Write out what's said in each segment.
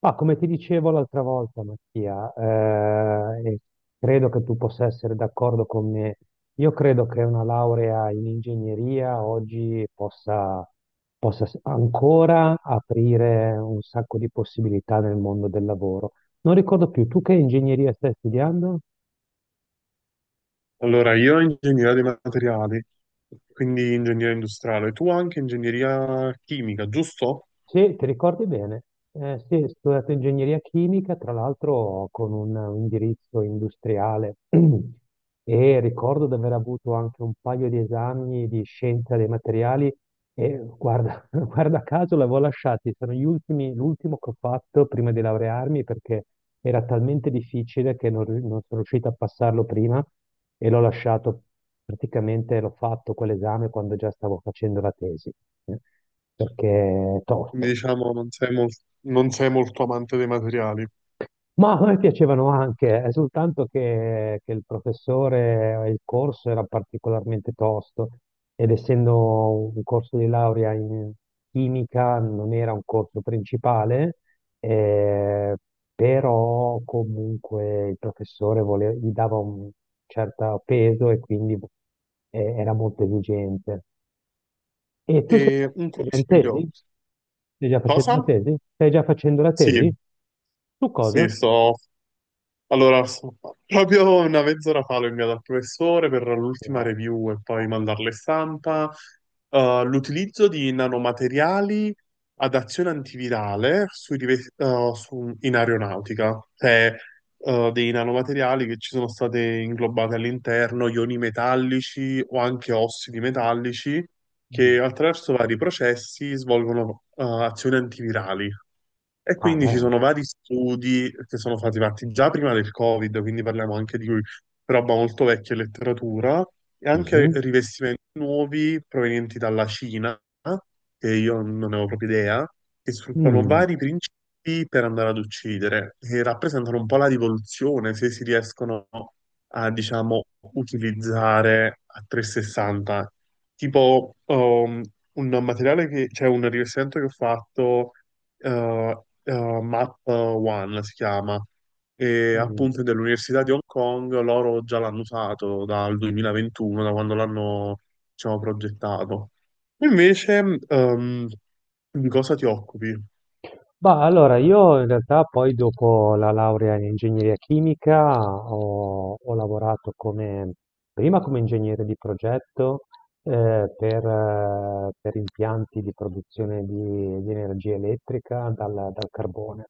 Ma come ti dicevo l'altra volta, Mattia, e credo che tu possa essere d'accordo con me. Io credo che una laurea in ingegneria oggi possa ancora aprire un sacco di possibilità nel mondo del lavoro. Non ricordo più, tu che ingegneria stai studiando? Allora, io ingegneria dei materiali, quindi ingegneria industriale, tu anche ingegneria chimica, giusto? Sì, ti ricordi bene? Sì, ho studiato ingegneria chimica, tra l'altro con un indirizzo industriale e ricordo di aver avuto anche un paio di esami di scienza dei materiali e guarda, Guarda caso l'avevo lasciati, sono gli ultimi, l'ultimo che ho fatto prima di laurearmi perché era talmente difficile che non sono riuscito a passarlo prima e l'ho lasciato, praticamente l'ho fatto quell'esame quando già stavo facendo la tesi, eh, perché è Quindi tosto. diciamo non sei, non sei molto amante dei materiali. Ma a me piacevano anche, è soltanto che il professore, il corso era particolarmente tosto ed essendo un corso di laurea in chimica non era un corso principale, eh, però comunque il professore gli dava un certo peso e quindi era molto esigente. E tu sei E un sei già in consiglio, tesi? Stai già facendo la cosa? tesi? Stai già facendo la Sì, tesi? Su sì, cosa? sto Allora, so- Proprio una mezz'ora fa l'ho inviato al professore per l'ultima No. review e poi mandarle stampa. L'utilizzo di nanomateriali ad azione antivirale in aeronautica, cioè dei nanomateriali che ci sono state inglobati all'interno, ioni metallici o anche ossidi metallici, Mm. che attraverso vari processi svolgono azioni antivirali. E Ah, quindi ci dai. sono vari studi che sono stati fatti già prima del Covid, quindi parliamo anche di roba molto vecchia e letteratura, e anche Mhm. rivestimenti nuovi provenienti dalla Cina, che io non ne avevo proprio idea, che sfruttano Mm. vari principi per andare ad uccidere, che rappresentano un po' la rivoluzione se si riescono a, diciamo, utilizzare a 360. Tipo, un materiale che, cioè un rivestimento che ho fatto Map One si chiama, e Mm. appunto è dell'Università di Hong Kong, loro già l'hanno usato dal 2021, da quando l'hanno, diciamo, progettato. Invece, di cosa ti occupi? Bah, allora, io in realtà poi dopo la laurea in ingegneria chimica ho lavorato come, prima come ingegnere di progetto per impianti di produzione di energia elettrica dal carbone.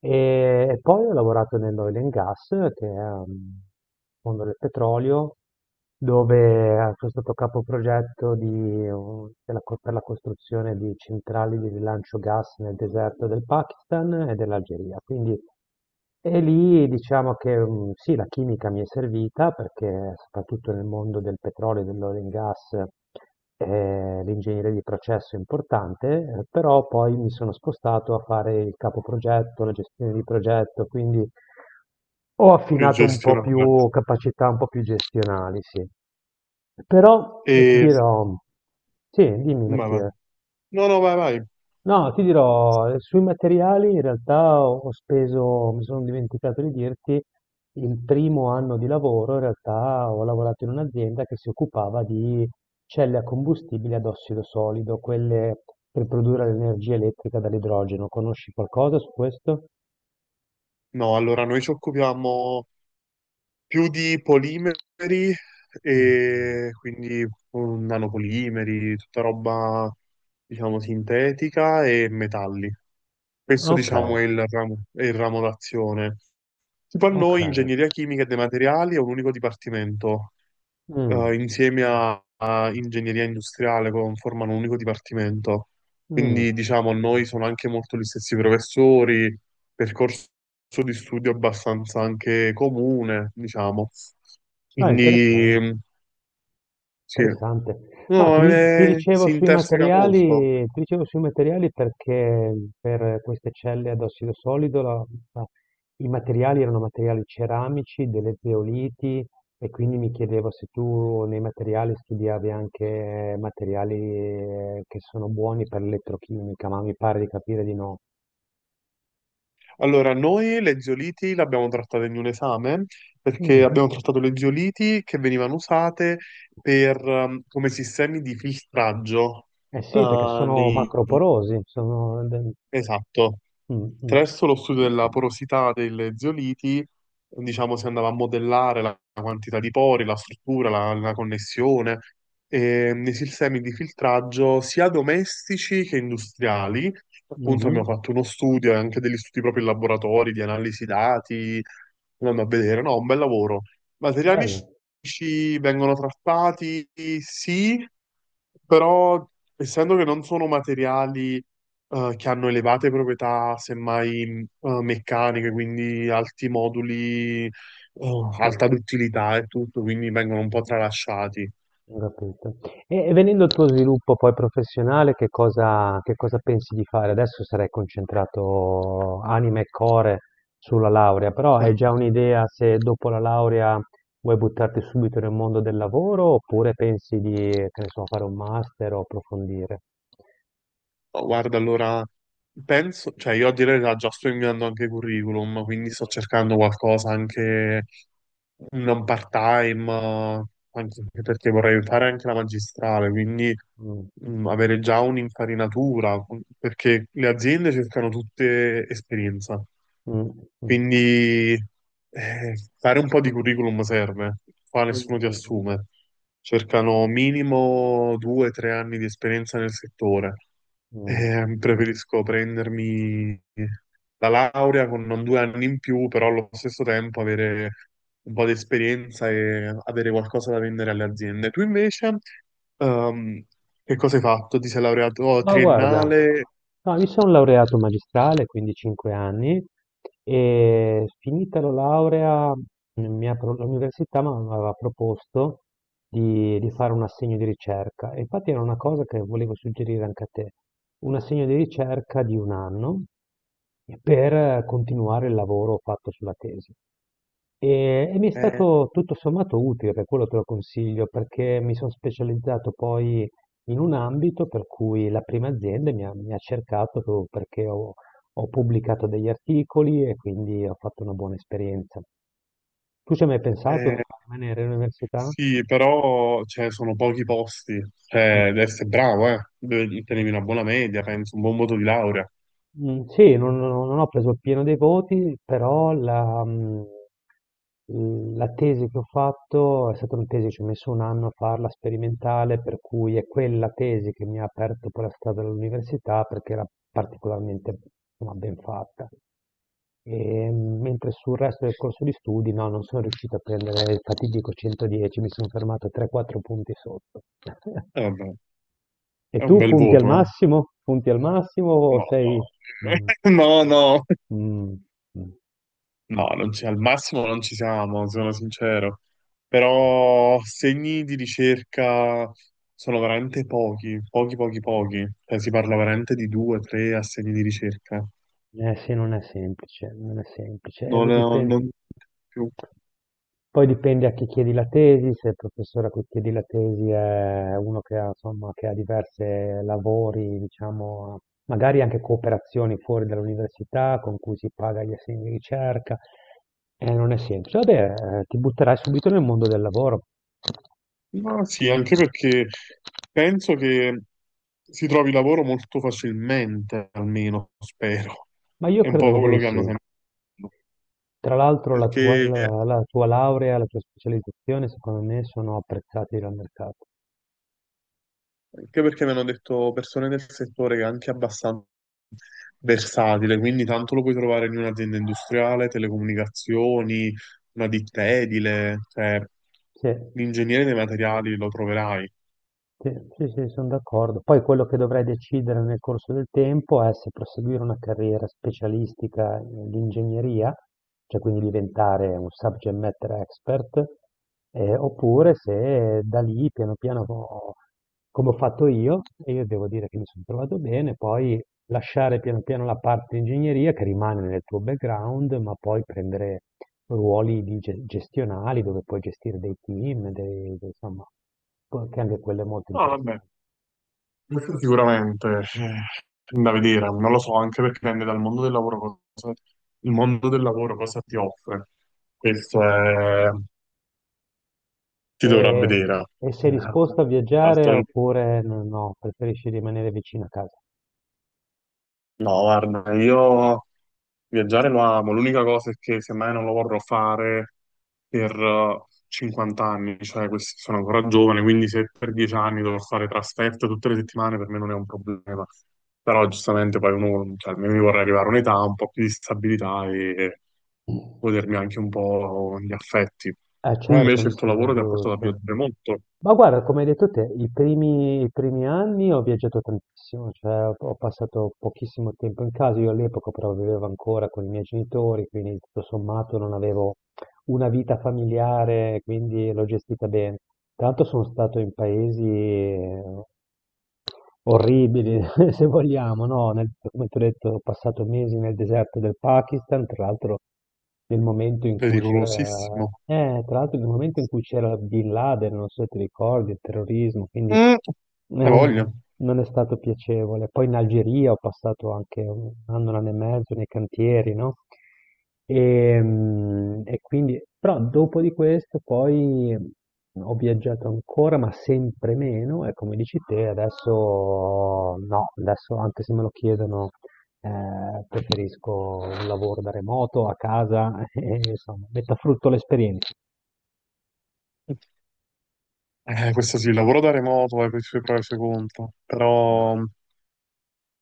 E poi ho lavorato nell'oil and gas, che è il mondo del petrolio, dove sono stato capoprogetto di, un- della co- per la costruzione di centrali di rilancio gas nel deserto del Pakistan e dell'Algeria. Quindi, e lì diciamo che sì, la chimica mi è servita perché soprattutto nel mondo del petrolio e dell'oil and gas l'ingegneria di processo è importante, però poi mi sono spostato a fare il capoprogetto, la gestione di progetto, quindi ho Più affinato un po' gestionale. più capacità un po' più gestionali, sì. Però ti E, dirò, sì, dimmi ma va. Mattia. No, no, vai, vai. No, ti dirò, sui materiali in realtà ho speso, mi sono dimenticato di dirti, il primo anno di lavoro in realtà ho lavorato in un'azienda che si occupava di celle a combustibile ad ossido solido, quelle per produrre l'energia elettrica dall'idrogeno. Conosci qualcosa su questo? No, allora noi ci occupiamo. Più di polimeri Mm. e quindi nanopolimeri, tutta roba, diciamo, sintetica e metalli. Questo, Ok, diciamo, è il ramo d'azione. Tipo a ok. noi, ingegneria chimica e dei materiali è un unico dipartimento Mm. Insieme a, a ingegneria formano un unico dipartimento. Mh. Quindi diciamo, a noi sono anche molto gli stessi professori, percorso di studio abbastanza anche comune, diciamo. Ah, Quindi interessante, sì, interessante. No, ti no, di ti dicevo si sui interseca molto. materiali ti dicevo sui materiali perché per queste celle ad ossido solido la la i materiali erano materiali ceramici, delle zeoliti e quindi mi chiedevo se tu nei materiali studiavi anche materiali, che sono buoni per l'elettrochimica, ma mi pare di capire di no. Allora, noi le zeoliti le abbiamo trattate in un esame perché Mh. abbiamo trattato le zeoliti che venivano usate per, come sistemi di filtraggio Eh sì, perché eh, sono nei, macroporosi, sono del esatto, mh, mh. attraverso lo studio della porosità delle zeoliti, diciamo, si andava a modellare la quantità di pori, la struttura, la, la connessione, e nei sistemi di filtraggio sia domestici che industriali. Appunto Mh-mh, abbiamo fatto uno studio e anche degli studi proprio in laboratori di analisi dati, andando a vedere, no, un bel lavoro. Materiali bello. scientifici vengono trattati, sì, però essendo che non sono materiali che hanno elevate proprietà, semmai, meccaniche, quindi alti moduli, Mh, alta duttilità e tutto, quindi vengono un po' tralasciati. ho capito. E venendo al tuo sviluppo poi professionale, che cosa pensi di fare? Adesso sarai concentrato anima e core sulla laurea, però hai Eh, già un'idea se dopo la laurea vuoi buttarti subito nel mondo del lavoro, oppure pensi di, che ne so, fare un master o approfondire? oh, guarda, allora penso, cioè io a dire la verità già sto inviando anche curriculum, quindi Mh, sto cercando qualcosa anche non part-time, anche perché vorrei fare anche la magistrale, quindi mh, avere già un'infarinatura, perché le aziende cercano tutte esperienza. mh, mh, Quindi fare un po' di curriculum serve, qua nessuno ti mh, assume. Cercano minimo due o tre anni di esperienza nel settore. mh, mh. Preferisco prendermi la laurea con non due anni in più, però allo stesso tempo avere un po' di esperienza e avere qualcosa da vendere alle aziende. Tu invece, ehm, che cosa hai fatto? Ti sei laureato oh, Ma guarda, triennale? no, mi sono laureato in magistrale, quindi 5 anni, e finita la laurea l'università mi aveva proposto di fare un assegno di ricerca. E infatti era una cosa che volevo suggerire anche a te, un assegno di ricerca di un anno per continuare il lavoro fatto sulla tesi. E mi è Eh, stato tutto sommato utile, per quello te lo consiglio, perché mi sono specializzato poi in un ambito per cui la prima azienda mi ha cercato proprio perché ho pubblicato degli articoli e quindi ho fatto una buona esperienza. Tu ci hai mai pensato eh, a rimanere all'università? Sì, però cioè, sono pochi posti. Cioè, devi essere bravo, eh. Devi tenermi una buona media, penso, un buon voto di laurea. Mm, sì, non ho preso il pieno dei voti, però la tesi che ho fatto è stata una tesi, ci ho messo un anno a farla sperimentale, per cui è quella tesi che mi ha aperto poi la strada all'università perché era particolarmente insomma, ben fatta. E, mentre sul resto del corso di studi, no, non sono riuscito a prendere il fatidico 110, mi sono fermato a 3-4 punti sotto. Vabbè, E è un tu bel punti al voto, eh. massimo? Punti al massimo o No, no. sei. Mm, No, no. mh, mh. No, Mh. non c'è- al massimo non ci siamo, sono sincero. Però segni di ricerca sono veramente pochi, pochi, pochi, Mh. pochi. Cioè, si parla Mh. veramente di due, tre assegni di ricerca. Eh sì, non è semplice, non è semplice. Non, V dipen non più. Poi dipende a chi chiedi la tesi, se il professore a cui chiedi la tesi è uno che ha insomma, che ha diverse lavori, diciamo, magari anche cooperazioni fuori dall'università con cui si paga gli assegni di ricerca. Non è semplice. Vabbè, ti butterai subito nel mondo del lavoro. Ma sì, anche perché penso che si trovi lavoro molto facilmente, almeno spero. Ma io È un credo po' proprio quello di che hanno sì. sempre detto. Tra l'altro la tua, Perché, la- la tua laurea, la tua specializzazione, secondo me, sono apprezzati dal mercato. anche perché mi hanno detto persone del settore che è anche abbastanza versatile, quindi tanto lo puoi trovare in un'azienda industriale, telecomunicazioni, una ditta edile, cioè Sì, l'ingegnere dei materiali lo troverai. sì, sì, sì, sono d'accordo. Poi quello che dovrai decidere nel corso del tempo è se proseguire una carriera specialistica di ingegneria, cioè quindi diventare un subject matter expert, oppure se da lì piano piano, come ho fatto io, e io devo dire che mi sono trovato bene, poi lasciare piano piano la parte di ingegneria che rimane nel tuo background, ma poi prendere ruoli di gestionali dove puoi gestire dei team, insomma, che anche quello è molto Ah, vabbè, interessante. questo sicuramente eh, da vedere, non lo so, anche perché dipende dal mondo del cosa, lavoro cosa ti offre. Questo è, ti dovrà E, vedere. e Eh, sei disposto a viaggiare altro- oppure no, no, preferisci rimanere vicino a casa? no, guarda, io viaggiare lo amo, l'unica cosa è che semmai non lo vorrò fare per 50 anni, cioè questi sono ancora giovane, quindi se per 10 anni dovrò fare trasferte tutte le settimane per me non è un problema. Però giustamente poi uno, cioè, almeno io vorrei arrivare a un'età, un po' più di stabilità e godermi anche un po' gli affetti. Eh Tu certo, invece mi il tuo sembra lavoro ti ha portato a giusto. viaggiare molto, Ma guarda, come hai detto te, i primi anni ho viaggiato tantissimo, cioè ho passato pochissimo tempo in casa, io all'epoca però vivevo ancora con i miei genitori, quindi tutto sommato non avevo una vita familiare, quindi l'ho gestita bene. Tanto sono stato in paesi orribili, se vogliamo, no? Come ti ho detto, ho passato mesi nel deserto del Pakistan, nel momento in cui c'era, pericolosissimo. Tra l'altro nel momento in cui c'era Bin Laden, non so se ti ricordi, il terrorismo, quindi Mm, hai voglia. non è stato piacevole. Poi in Algeria ho passato anche un anno e mezzo nei cantieri, no? E quindi, però dopo di questo poi ho viaggiato ancora, ma sempre meno, e come dici te, adesso no, adesso anche se me lo chiedono, preferisco un lavoro da remoto, a casa, e, insomma, metta a frutto l'esperienza. Questo sì, il lavoro da remoto ha i suoi pro e i suoi contro, però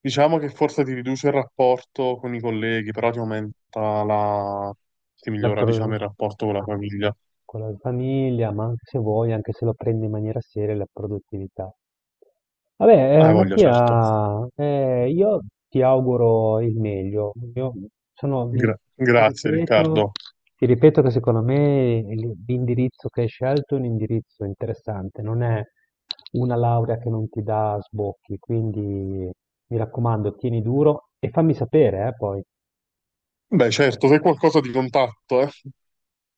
diciamo che forse ti riduce il rapporto con i colleghi, però ti aumenta la... ti migliora, diciamo, il rapporto con la famiglia. Con la famiglia, ma anche se vuoi, anche se lo prendi in maniera seria, la produttività. Vabbè, Ah, voglia, certo. Mattia, io ti auguro il meglio. Io sono di- ti Grazie, ripeto, Riccardo. ti ripeto che secondo me l'indirizzo che hai scelto è un indirizzo interessante, non è una laurea che non ti dà sbocchi, quindi mi raccomando, tieni duro e fammi sapere, poi. Beh, certo, se è qualcosa di contatto, eh.